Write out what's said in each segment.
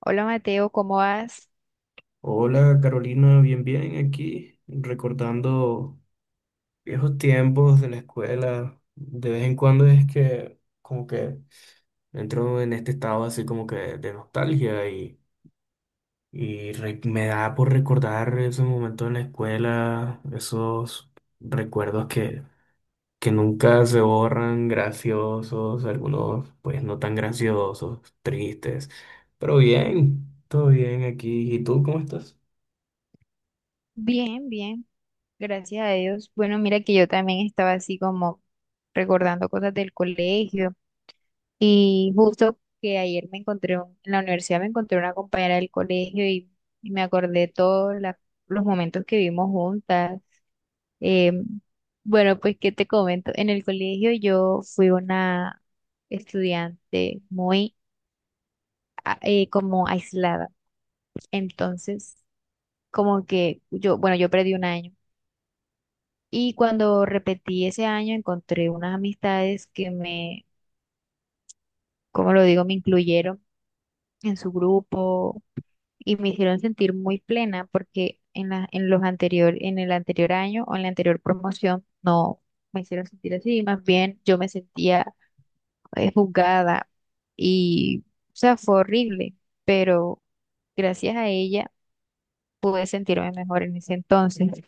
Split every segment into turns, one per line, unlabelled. Hola Mateo, ¿cómo vas?
Hola Carolina, bien, bien, aquí recordando viejos tiempos de la escuela. De vez en cuando es que como que entro en este estado así como que de nostalgia y me da por recordar esos momentos en la escuela, esos recuerdos que nunca se borran, graciosos, algunos pues no tan graciosos, tristes, pero bien, todo bien aquí. ¿Y tú cómo estás?
Bien, bien, gracias a Dios. Bueno, mira que yo también estaba así como recordando cosas del colegio y justo que ayer me encontré en la universidad me encontré una compañera del colegio y me acordé todos los momentos que vivimos juntas. Eh, bueno, pues qué te comento. En el colegio yo fui una estudiante muy como aislada, entonces como que yo, bueno, yo perdí un año. Y cuando repetí ese año, encontré unas amistades que me, como lo digo, me incluyeron en su grupo y me hicieron sentir muy plena porque en los anterior, en el anterior año o en la anterior promoción no me hicieron sentir así, más bien yo me sentía juzgada y, o sea, fue horrible, pero gracias a ella pude sentirme mejor en ese entonces.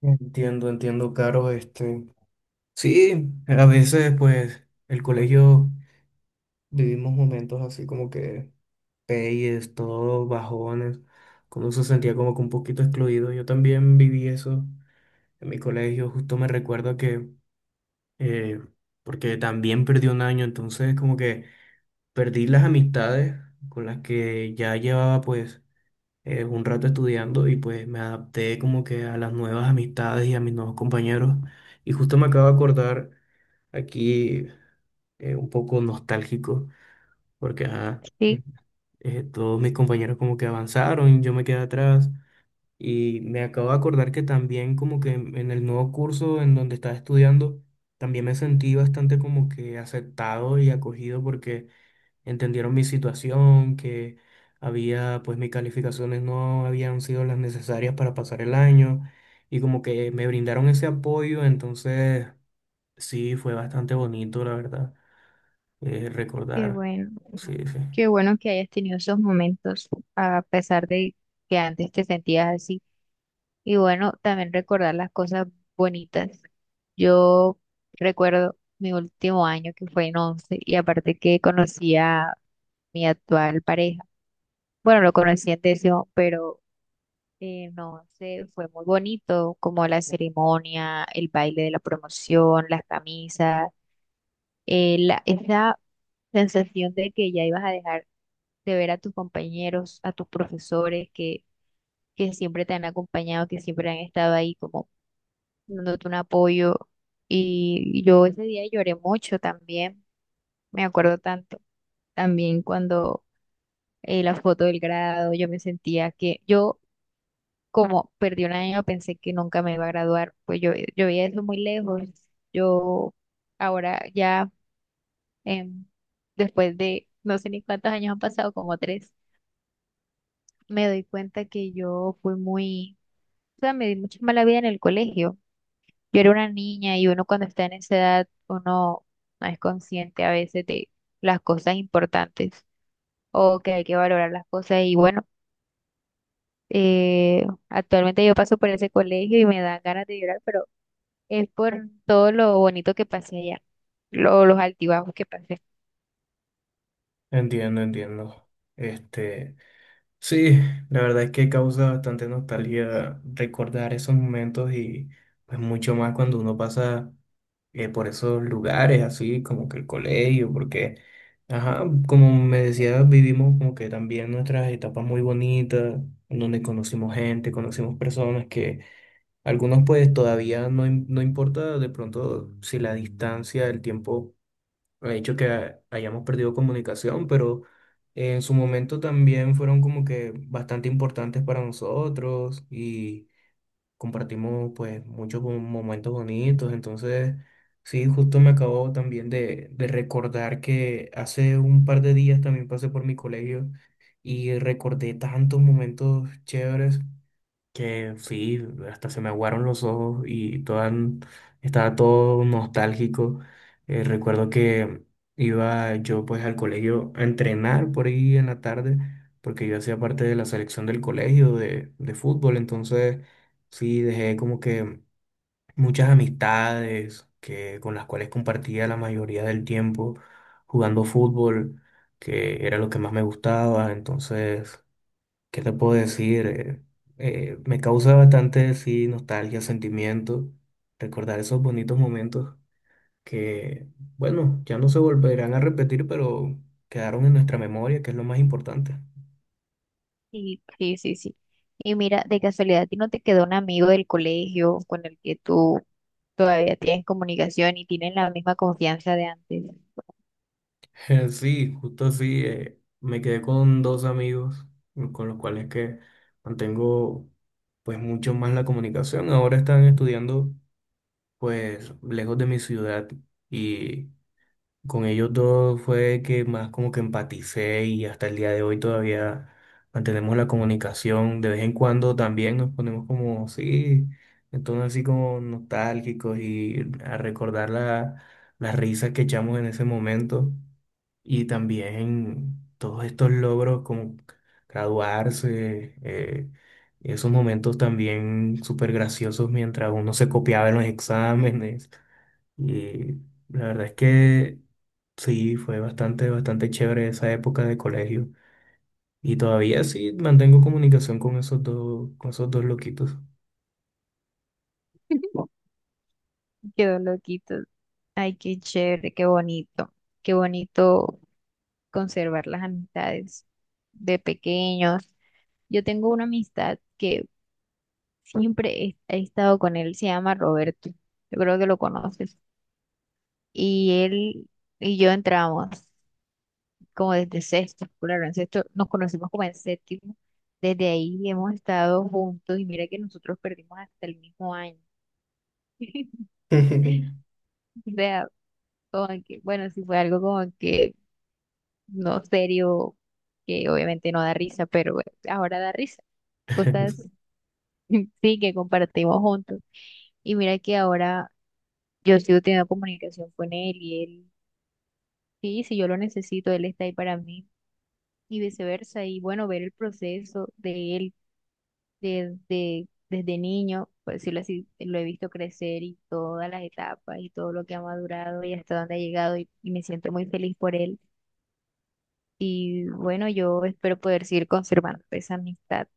Entiendo, entiendo, Caro, este. Sí, a veces, pues, el colegio vivimos momentos así como que peyes, todos bajones, como se sentía como que un poquito excluido. Yo también viví eso en mi colegio, justo me recuerdo que, eh, porque también perdí un año, entonces como que perdí las amistades con las que ya llevaba, pues, un rato estudiando y pues me adapté como que a las nuevas amistades y a mis nuevos compañeros. Y justo me acabo de acordar aquí, un poco nostálgico porque ajá,
Sí,
todos mis compañeros como que avanzaron, yo me quedé atrás y me acabo de acordar que también como que en el nuevo curso en donde estaba estudiando, también me sentí bastante como que aceptado y acogido porque entendieron mi situación, que había, pues mis calificaciones no habían sido las necesarias para pasar el año y como que me brindaron ese apoyo. Entonces sí, fue bastante bonito, la verdad,
qué
recordar.
bueno,
Sí, sí.
qué bueno que hayas tenido esos momentos, a pesar de que antes te sentías así. Y bueno, también recordar las cosas bonitas. Yo recuerdo mi último año que fue en 11 y aparte que conocí a mi actual pareja. Bueno, lo conocí en décimo, pero no, se fue muy bonito, como la ceremonia, el baile de la promoción, las camisas, esa sensación de que ya ibas a dejar de ver a tus compañeros, a tus profesores que siempre te han acompañado, que siempre han estado ahí como dándote un apoyo. Y yo ese día lloré mucho también, me acuerdo tanto, también cuando la foto del grado, yo me sentía que yo como perdí un año, pensé que nunca me iba a graduar, pues yo veía eso muy lejos. Yo ahora ya, em, después de no sé ni cuántos años han pasado, como tres, me doy cuenta que yo fui muy, o sea, me di mucha mala vida en el colegio. Yo era una niña y uno cuando está en esa edad, uno no es consciente a veces de las cosas importantes o que hay que valorar las cosas y bueno. Actualmente yo paso por ese colegio y me da ganas de llorar, pero es por todo lo bonito que pasé allá, los altibajos que pasé.
Entiendo, entiendo. Este, sí, la verdad es que causa bastante nostalgia recordar esos momentos y pues mucho más cuando uno pasa, por esos lugares, así como que el colegio, porque, ajá, como me decía, vivimos como que también nuestras etapas muy bonitas, en donde conocimos gente, conocimos personas que algunos pues todavía no importa de pronto si la distancia, el tiempo ha hecho que hayamos perdido comunicación, pero en su momento también fueron como que bastante importantes para nosotros y compartimos pues muchos momentos bonitos. Entonces, sí, justo me acabo también de recordar que hace un par de días también pasé por mi colegio y recordé tantos momentos chéveres. Que sí, hasta se me aguaron los ojos y toda, estaba todo nostálgico. Recuerdo que iba yo pues al colegio a entrenar por ahí en la tarde, porque yo hacía parte de la selección del colegio de fútbol. Entonces sí, dejé como que muchas amistades que, con las cuales compartía la mayoría del tiempo jugando fútbol, que era lo que más me gustaba, entonces... ¿Qué te puedo decir? Me causa bastante, sí, nostalgia, sentimiento, recordar esos bonitos momentos que, bueno, ya no se volverán a repetir, pero quedaron en nuestra memoria, que es lo más importante.
Sí, sí, sí, sí. Y mira, de casualidad, ¿a ti no te quedó un amigo del colegio con el que tú todavía tienes comunicación y tienen la misma confianza de antes?
Sí, justo así, me quedé con dos amigos con los cuales que mantengo pues mucho más la comunicación. Ahora están estudiando pues lejos de mi ciudad y... Con ellos dos fue que más como que empaticé y hasta el día de hoy todavía mantenemos la comunicación. De vez en cuando también nos ponemos como, sí, en tono así como nostálgicos y a recordar la, las risas que echamos en ese momento. Y también todos estos logros como graduarse, esos momentos también súper graciosos mientras uno se copiaba en los exámenes. Y la verdad es que... Sí, fue bastante, bastante chévere esa época de colegio. Y todavía sí mantengo comunicación con esos dos loquitos.
Quedó loquito. Ay, qué chévere, qué bonito. Qué bonito conservar las amistades de pequeños. Yo tengo una amistad que siempre he estado con él, se llama Roberto, yo creo que lo conoces. Y él y yo entramos como desde sexto, claro, en sexto nos conocimos como en séptimo, desde ahí hemos estado juntos y mira que nosotros perdimos hasta el mismo año. O sea, como que, bueno, sí fue algo como que no serio, que obviamente no da risa, pero bueno, ahora da risa. Cosas, sí, que compartimos juntos. Y mira que ahora yo sigo teniendo comunicación con él y él, sí, si yo lo necesito, él está ahí para mí y viceversa. Y bueno, ver el proceso de él desde niño, por decirlo así, lo he visto crecer y todas las etapas y todo lo que ha madurado y hasta dónde ha llegado y me siento muy feliz por él. Y bueno, yo espero poder seguir conservando esa amistad,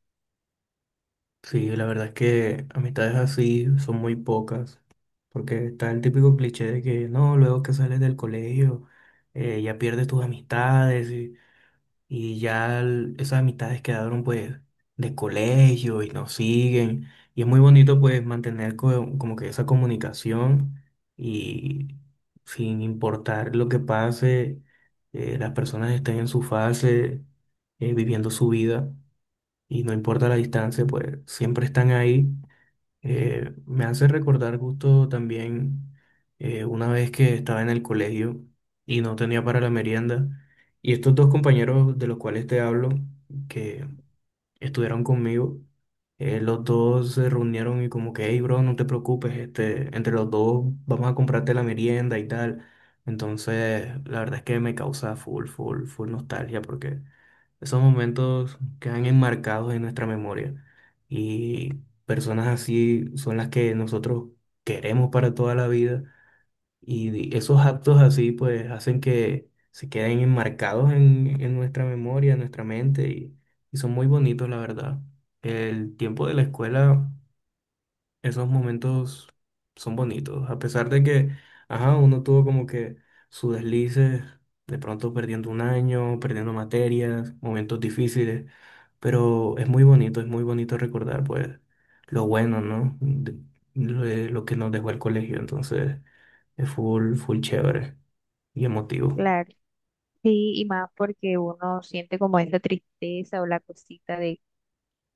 Sí, la verdad es que amistades así son muy pocas, porque está el típico cliché de que no, luego que sales del colegio, ya pierdes tus amistades y ya esas amistades quedaron pues de colegio y nos siguen. Y es muy bonito pues mantener como que esa comunicación y sin importar lo que pase, las personas estén en su fase, viviendo su vida y no importa la distancia, pues siempre están ahí. Me hace recordar justo también, una vez que estaba en el colegio y no tenía para la merienda. Y estos dos compañeros de los cuales te hablo, que estuvieron conmigo, los dos se reunieron y como que, hey, bro, no te preocupes, este, entre los dos vamos a comprarte la merienda y tal. Entonces, la verdad es que me causa full, full, full nostalgia porque esos momentos quedan enmarcados en nuestra memoria y personas así son las que nosotros queremos para toda la vida y esos actos así pues hacen que se queden enmarcados en nuestra memoria, en nuestra mente y son muy bonitos la verdad. El tiempo de la escuela, esos momentos son bonitos, a pesar de que, ajá, uno tuvo como que sus deslices, de pronto perdiendo un año, perdiendo materias, momentos difíciles, pero es muy bonito recordar, pues, lo bueno, ¿no? Lo que nos dejó el colegio. Entonces es full, full chévere y emotivo,
claro. Sí, y más porque uno siente como esa tristeza o la cosita de,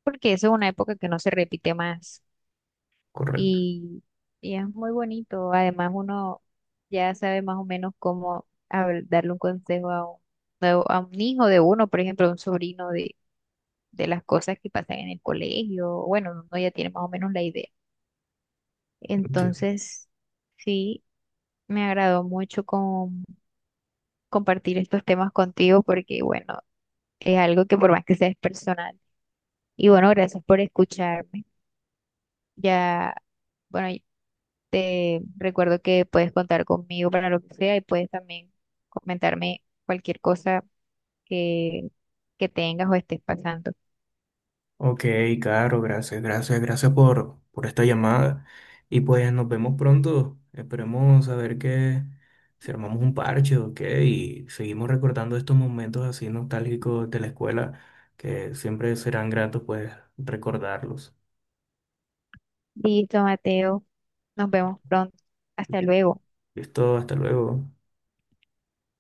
porque eso es una época que no se repite más.
correcto.
Y, y es muy bonito. Además, uno ya sabe más o menos cómo darle un consejo a a un hijo de uno, por ejemplo, a un sobrino de las cosas que pasan en el colegio. Bueno, uno ya tiene más o menos la idea. Entonces, sí, me agradó mucho compartir estos temas contigo porque, bueno, es algo que por más que sea es personal. Y bueno, gracias por escucharme. Ya. Bueno, te recuerdo que puedes contar conmigo para lo que sea y puedes también comentarme cualquier cosa que, que tengas o estés pasando.
Ok, Caro, gracias, gracias, gracias por esta llamada. Y pues nos vemos pronto. Esperemos a ver que si armamos un parche, ok, y seguimos recordando estos momentos así nostálgicos de la escuela, que siempre serán gratos pues recordarlos.
Listo, Mateo. Nos vemos pronto. Hasta luego.
Listo, hasta luego.